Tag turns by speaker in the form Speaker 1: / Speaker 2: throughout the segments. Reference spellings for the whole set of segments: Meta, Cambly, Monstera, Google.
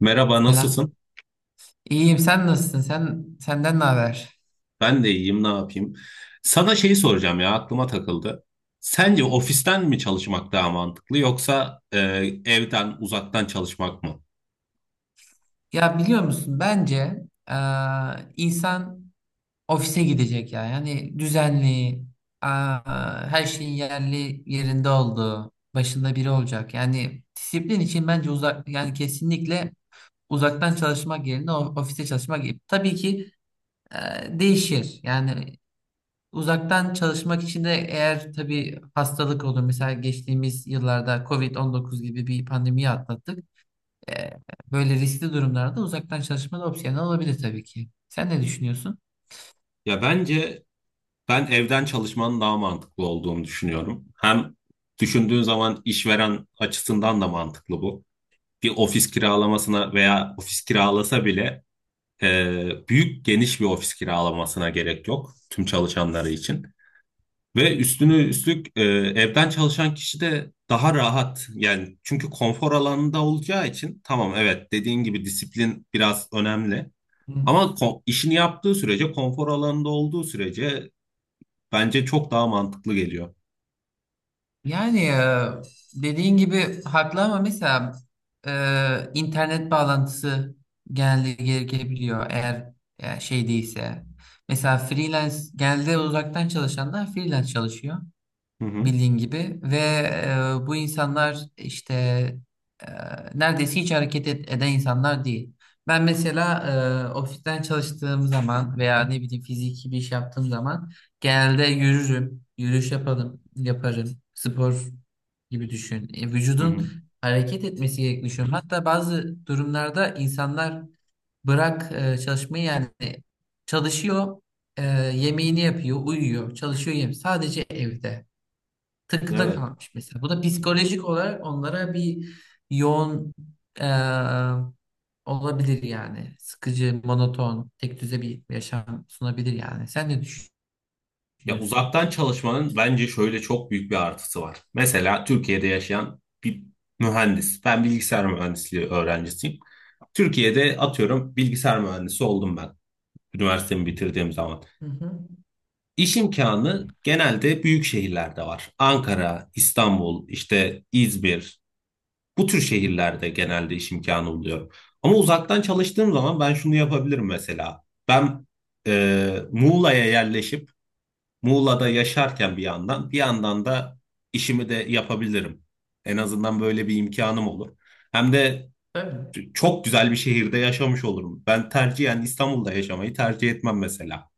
Speaker 1: Merhaba,
Speaker 2: Selam.
Speaker 1: nasılsın?
Speaker 2: İyiyim. Sen nasılsın? Senden ne haber?
Speaker 1: Ben de iyiyim, ne yapayım? Sana şeyi soracağım ya, aklıma takıldı. Sence ofisten mi çalışmak daha mantıklı yoksa evden, uzaktan çalışmak mı?
Speaker 2: Ya biliyor musun? Bence eee, insan ofise gidecek ya. Yani düzenli, her şeyin yerli yerinde olduğu, başında biri olacak. Yani disiplin için bence uzak, yani kesinlikle uzaktan çalışmak yerine ofiste çalışmak gibi. Tabii ki değişir. Yani uzaktan çalışmak için de eğer tabii hastalık olur. Mesela geçtiğimiz yıllarda covid dokuz gibi bir pandemiyi atlattık. E, Böyle riskli durumlarda uzaktan çalışma da opsiyonel olabilir tabii ki. Sen ne düşünüyorsun?
Speaker 1: Ya bence ben evden çalışmanın daha mantıklı olduğunu düşünüyorum. Hem düşündüğün zaman işveren açısından da mantıklı bu. Bir ofis kiralamasına veya ofis kiralasa bile büyük geniş bir ofis kiralamasına gerek yok tüm çalışanları için. Ve üstüne
Speaker 2: Hı
Speaker 1: üstlük evden çalışan kişi de daha rahat yani çünkü konfor alanında olacağı için tamam, evet, dediğin gibi disiplin biraz önemli
Speaker 2: hı.
Speaker 1: ama işini yaptığı sürece konfor alanında olduğu sürece bence çok daha mantıklı geliyor.
Speaker 2: Yani dediğin gibi haklı ama mesela internet bağlantısı genelde gerekebiliyor eğer şey değilse. Mesela freelance genelde uzaktan çalışanlar freelance çalışıyor.
Speaker 1: Hı hı,
Speaker 2: Bildiğin gibi ve bu insanlar işte e, neredeyse hiç eden insanlar değil. Ben mesela ofisten çalıştığım zaman veya ne bileyim fiziki bir iş yaptığım zaman genelde yürürüm, yürüyüş yapalım, yaparım. Spor gibi düşün.
Speaker 1: hı hı.
Speaker 2: Vücudun hareket etmesi gerektiğini düşünüyorum. Hatta bazı durumlarda insanlar bırak çalışmayı yani çalışıyor, e, yemeğini yapıyor, uyuyor, çalışıyor, yemeği. Sadece evde takıda
Speaker 1: Evet.
Speaker 2: kalmış mesela. Bu da psikolojik olarak onlara bir yoğun e, olabilir yani. Sıkıcı, monoton, tek düze bir yaşam sunabilir yani. Sen ne
Speaker 1: Ya
Speaker 2: düşünüyorsun?
Speaker 1: uzaktan çalışmanın bence şöyle çok büyük bir artısı var. Mesela Türkiye'de yaşayan bir mühendis. Ben bilgisayar mühendisliği öğrencisiyim. Türkiye'de atıyorum bilgisayar mühendisi oldum ben üniversitemi bitirdiğim zaman.
Speaker 2: Hı hı,
Speaker 1: İş imkanı genelde büyük şehirlerde var. Ankara, İstanbul, işte İzmir. Bu tür şehirlerde genelde iş imkanı buluyorum. Ama uzaktan çalıştığım zaman ben şunu yapabilirim mesela. Ben Muğla'ya yerleşip Muğla'da yaşarken bir yandan, bir yandan da işimi de yapabilirim. En azından böyle bir imkanım olur. Hem de
Speaker 2: tabii.
Speaker 1: çok güzel bir şehirde yaşamış olurum. Ben tercihen İstanbul'da yaşamayı tercih etmem mesela.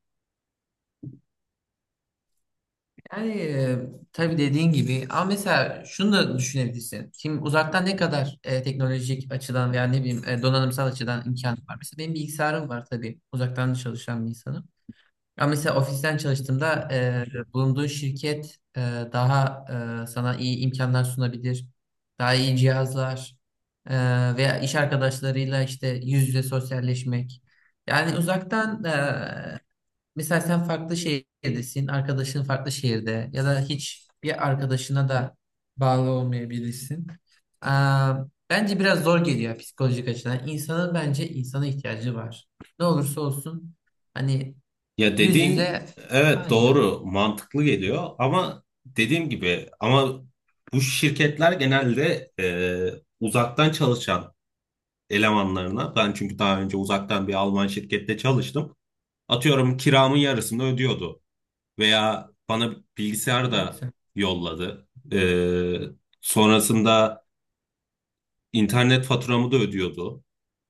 Speaker 2: Yani tabii dediğin gibi ama mesela şunu da düşünebilirsin. Şimdi uzaktan ne kadar teknolojik açıdan veya ne bileyim donanımsal açıdan imkan var. Mesela benim bilgisayarım var tabii. Uzaktan da çalışan bir insanım. Ama mesela ofisten çalıştığımda bulunduğun şirket daha sana iyi imkanlar sunabilir. Daha iyi cihazlar e, veya iş arkadaşlarıyla işte yüz yüze sosyalleşmek. Yani uzaktan mesela sen farklı şehirdesin, arkadaşın farklı şehirde ya da hiç bir arkadaşına da bağlı olmayabilirsin. E, Bence biraz zor geliyor psikolojik açıdan. İnsanın bence insana ihtiyacı var. Ne olursa olsun. Hani
Speaker 1: Ya
Speaker 2: yüz
Speaker 1: dediğin
Speaker 2: yüze.
Speaker 1: evet,
Speaker 2: Ay ya,
Speaker 1: doğru, mantıklı geliyor ama dediğim gibi ama bu şirketler genelde uzaktan çalışan elemanlarına ben çünkü daha önce uzaktan bir Alman şirkette çalıştım. Atıyorum kiramın yarısını ödüyordu veya bana bilgisayar
Speaker 2: ne
Speaker 1: da
Speaker 2: güzel.
Speaker 1: yolladı. E, Sonrasında İnternet faturamı da ödüyordu.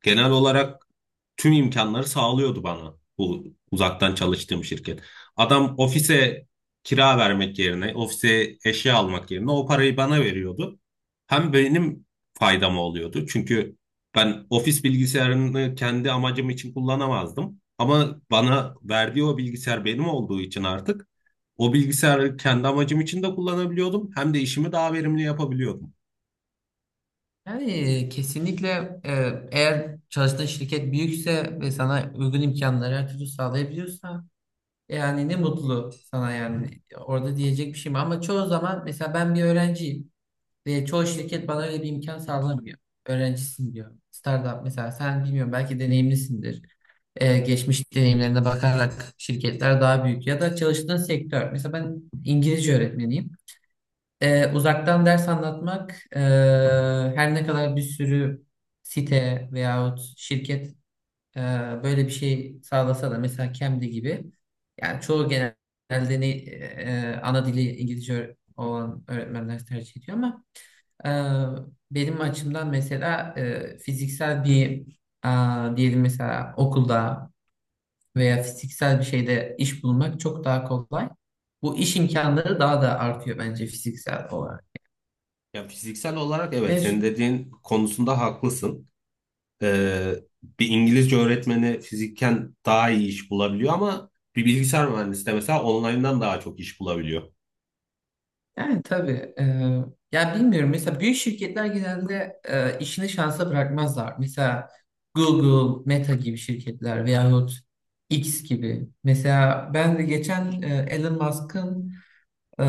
Speaker 1: Genel olarak tüm imkanları sağlıyordu bana bu uzaktan çalıştığım şirket. Adam ofise kira vermek yerine, ofise eşya almak yerine o parayı bana veriyordu. Hem benim faydama oluyordu. Çünkü ben ofis bilgisayarını kendi amacım için kullanamazdım. Ama bana verdiği o bilgisayar benim olduğu için artık o bilgisayarı kendi amacım için de kullanabiliyordum. Hem de işimi daha verimli yapabiliyordum.
Speaker 2: Yani kesinlikle eğer çalıştığın şirket büyükse ve sana uygun imkanları her türlü sağlayabiliyorsa yani ne mutlu sana yani orada diyecek bir şey mi? Ama çoğu zaman mesela ben bir öğrenciyim ve çoğu şirket bana öyle bir imkan sağlamıyor. Öğrencisin diyor. Startup mesela sen bilmiyorum belki deneyimlisindir. Geçmiş deneyimlerine bakarak şirketler daha büyük ya da çalıştığın sektör. Mesela ben İngilizce öğretmeniyim. Uzaktan ders anlatmak e, her ne kadar bir sürü site veyahut şirket e, böyle bir şey sağlasa da mesela Cambly gibi yani çoğu genelde ne, ana dili İngilizce olan öğretmenler tercih ediyor ama e, benim açımdan mesela fiziksel bir diyelim mesela okulda veya fiziksel bir şeyde iş bulmak çok daha kolay. Bu iş imkanları daha da artıyor bence fiziksel
Speaker 1: Ya fiziksel olarak evet, senin
Speaker 2: olarak.
Speaker 1: dediğin konusunda haklısın. Ee, bir İngilizce öğretmeni fiziken daha iyi iş bulabiliyor ama bir bilgisayar mühendisi de mesela online'dan daha çok iş bulabiliyor.
Speaker 2: Yani tabii. Ya bilmiyorum. Mesela büyük şirketler genelde işini şansa bırakmazlar. Mesela Google, Meta gibi şirketler veyahut X gibi. Mesela ben de geçen Elon Musk'ın e,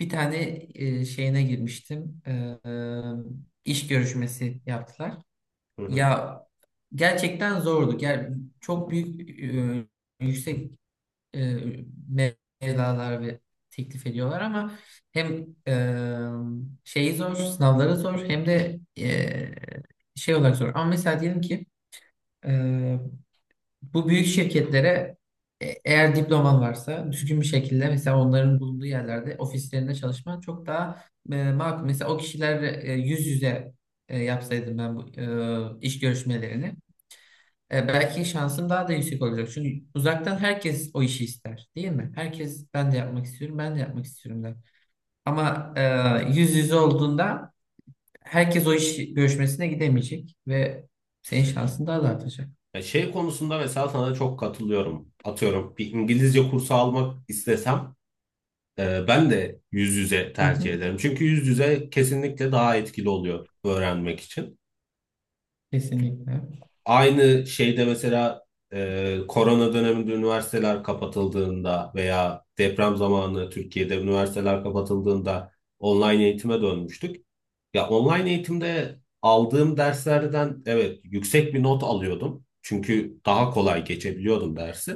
Speaker 2: bir tane şeyine girmiştim. İş görüşmesi yaptılar.
Speaker 1: Hı hı.
Speaker 2: Ya gerçekten zordu. Çok büyük yüksek e, mevlalar ve teklif ediyorlar ama hem şeyi zor, sınavları zor hem de şey olarak zor. Ama mesela diyelim ki e, bu büyük şirketlere eğer diploman varsa düzgün bir şekilde mesela onların bulunduğu yerlerde ofislerinde çalışman çok daha makul. Mesela o kişiler yüz yüze yapsaydım ben bu iş görüşmelerini. Belki şansım daha da yüksek olacak. Çünkü uzaktan herkes o işi ister, değil mi? Herkes ben de yapmak istiyorum, ben de yapmak istiyorum der. Ama yüz yüze olduğunda herkes o iş görüşmesine gidemeyecek ve senin şansın daha da artacak.
Speaker 1: Ya şey konusunda mesela sana çok katılıyorum. Atıyorum bir İngilizce kursu almak istesem ben de yüz yüze
Speaker 2: Hı hı,
Speaker 1: tercih ederim. Çünkü yüz yüze kesinlikle daha etkili oluyor öğrenmek için.
Speaker 2: kesinlikle.
Speaker 1: Aynı şeyde mesela korona döneminde üniversiteler kapatıldığında veya deprem zamanı Türkiye'de üniversiteler kapatıldığında online eğitime dönmüştük. Ya online eğitimde aldığım derslerden evet yüksek bir not alıyordum. Çünkü daha kolay geçebiliyordum dersi.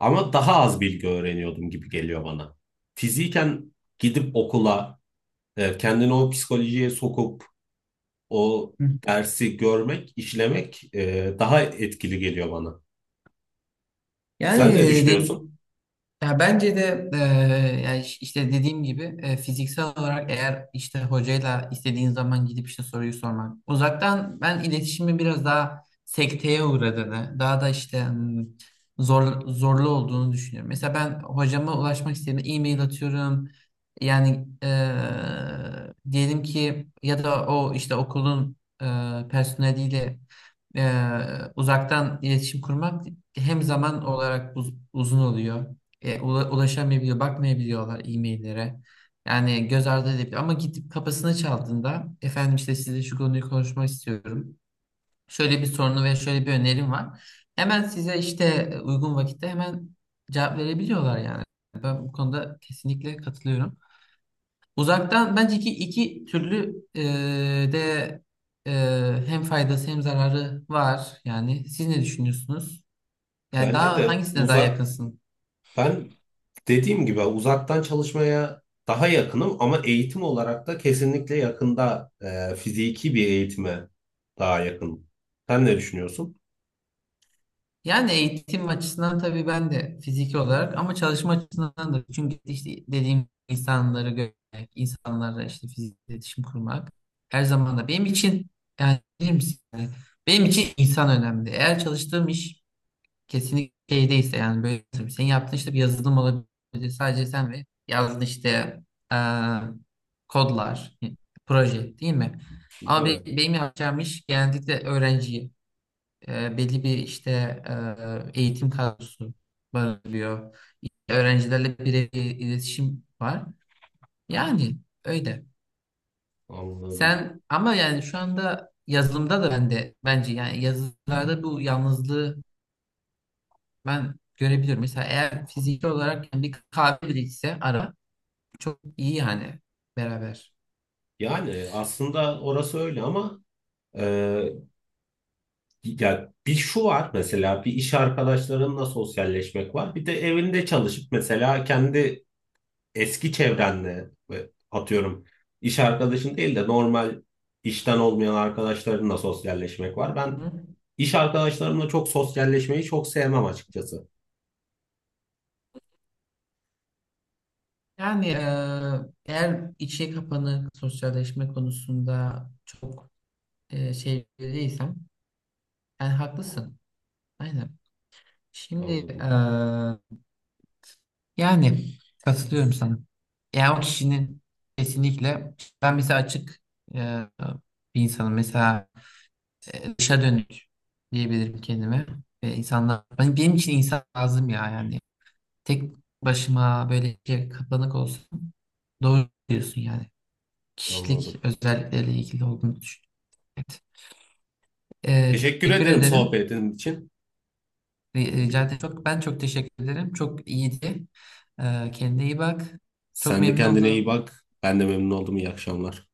Speaker 1: Ama daha az bilgi öğreniyordum gibi geliyor bana. Fiziken gidip okula kendini o psikolojiye sokup o
Speaker 2: Hı.
Speaker 1: dersi görmek, işlemek, daha etkili geliyor bana.
Speaker 2: Yani
Speaker 1: Sen ne düşünüyorsun?
Speaker 2: ya bence de yani işte dediğim gibi fiziksel olarak eğer işte hocayla istediğin zaman gidip işte soruyu sormak. Uzaktan ben iletişimin biraz daha sekteye uğradığını, daha da işte zorlu olduğunu düşünüyorum. Mesela ben hocama ulaşmak istediğimde e-mail atıyorum. Yani diyelim ki ya da o işte okulun personeliyle uzaktan iletişim kurmak hem zaman olarak uzun oluyor ulaşamayabiliyor, bakmayabiliyorlar e-maillere. Yani göz ardı edebiliyor. Ama gidip kapısını çaldığında efendim işte size şu konuyu konuşmak istiyorum. Şöyle bir sorunu ve şöyle bir önerim var. Hemen size işte uygun vakitte hemen cevap verebiliyorlar yani. Ben bu konuda kesinlikle katılıyorum. Uzaktan bence iki türlü de e, hem faydası hem zararı var. Yani siz ne düşünüyorsunuz? Yani
Speaker 1: Bence
Speaker 2: daha
Speaker 1: de
Speaker 2: hangisine daha
Speaker 1: uzak
Speaker 2: yakınsın?
Speaker 1: Ben dediğim gibi uzaktan çalışmaya daha yakınım ama eğitim olarak da kesinlikle yakında fiziki bir eğitime daha yakınım. Sen ne düşünüyorsun?
Speaker 2: Yani eğitim açısından tabii ben de fiziki olarak ama çalışma açısından da çünkü işte dediğim insanları görmek, insanlarla işte fiziksel iletişim kurmak her zaman da benim için yani bilir misin? Yani benim için insan önemli. Eğer çalıştığım iş kesinlikle şeydeyse yani böyle tabii senin yaptığın işte bir yazılım olabilir. Sadece sen ve yazdığın işte eee, kodlar, proje değil mi? Ama
Speaker 1: Evet,
Speaker 2: benim yapacağım iş genellikle öğrenciye belli bir işte eğitim kadrosu barındırıyor. Öğrencilerle birebir iletişim var. Yani öyle.
Speaker 1: anladım.
Speaker 2: Sen ama yani şu anda yazılımda da ben de bence yani yazılımlarda bu yalnızlığı ben görebiliyorum. Mesela eğer fiziki olarak yani bir kahve bile içse ara çok iyi yani beraber.
Speaker 1: Yani aslında orası öyle ama e, ya bir şu var mesela bir, iş arkadaşlarınla sosyalleşmek var. Bir de evinde çalışıp mesela kendi eski çevrenle ve atıyorum iş arkadaşın değil de normal işten olmayan arkadaşlarınla sosyalleşmek var. Ben
Speaker 2: Hı?
Speaker 1: iş arkadaşlarımla çok sosyalleşmeyi çok sevmem açıkçası.
Speaker 2: Yani eğer içe kapanık sosyalleşme konusunda çok şey değilsem yani haklısın. Aynen. Şimdi
Speaker 1: Anladım,
Speaker 2: eee, yani katılıyorum sana. Yani o kişinin kesinlikle ben mesela açık eee, bir insanım. Mesela dışa dönük diyebilirim kendime. Ve insanlar hani benim için insan lazım ya yani. Tek başıma böyle şey kapanık olsun. Doğru diyorsun yani. Kişilik
Speaker 1: anladım.
Speaker 2: özellikleriyle ilgili olduğunu düşünüyorum. Evet. Eee,
Speaker 1: Teşekkür
Speaker 2: Teşekkür
Speaker 1: ederim
Speaker 2: ederim.
Speaker 1: sohbetin için.
Speaker 2: Rica ederim. Ben çok teşekkür ederim. Çok iyiydi. Kendine iyi bak. Çok
Speaker 1: Sen de
Speaker 2: memnun
Speaker 1: kendine iyi
Speaker 2: oldum.
Speaker 1: bak. Ben de memnun oldum. İyi akşamlar.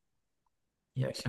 Speaker 2: İyi akşamlar.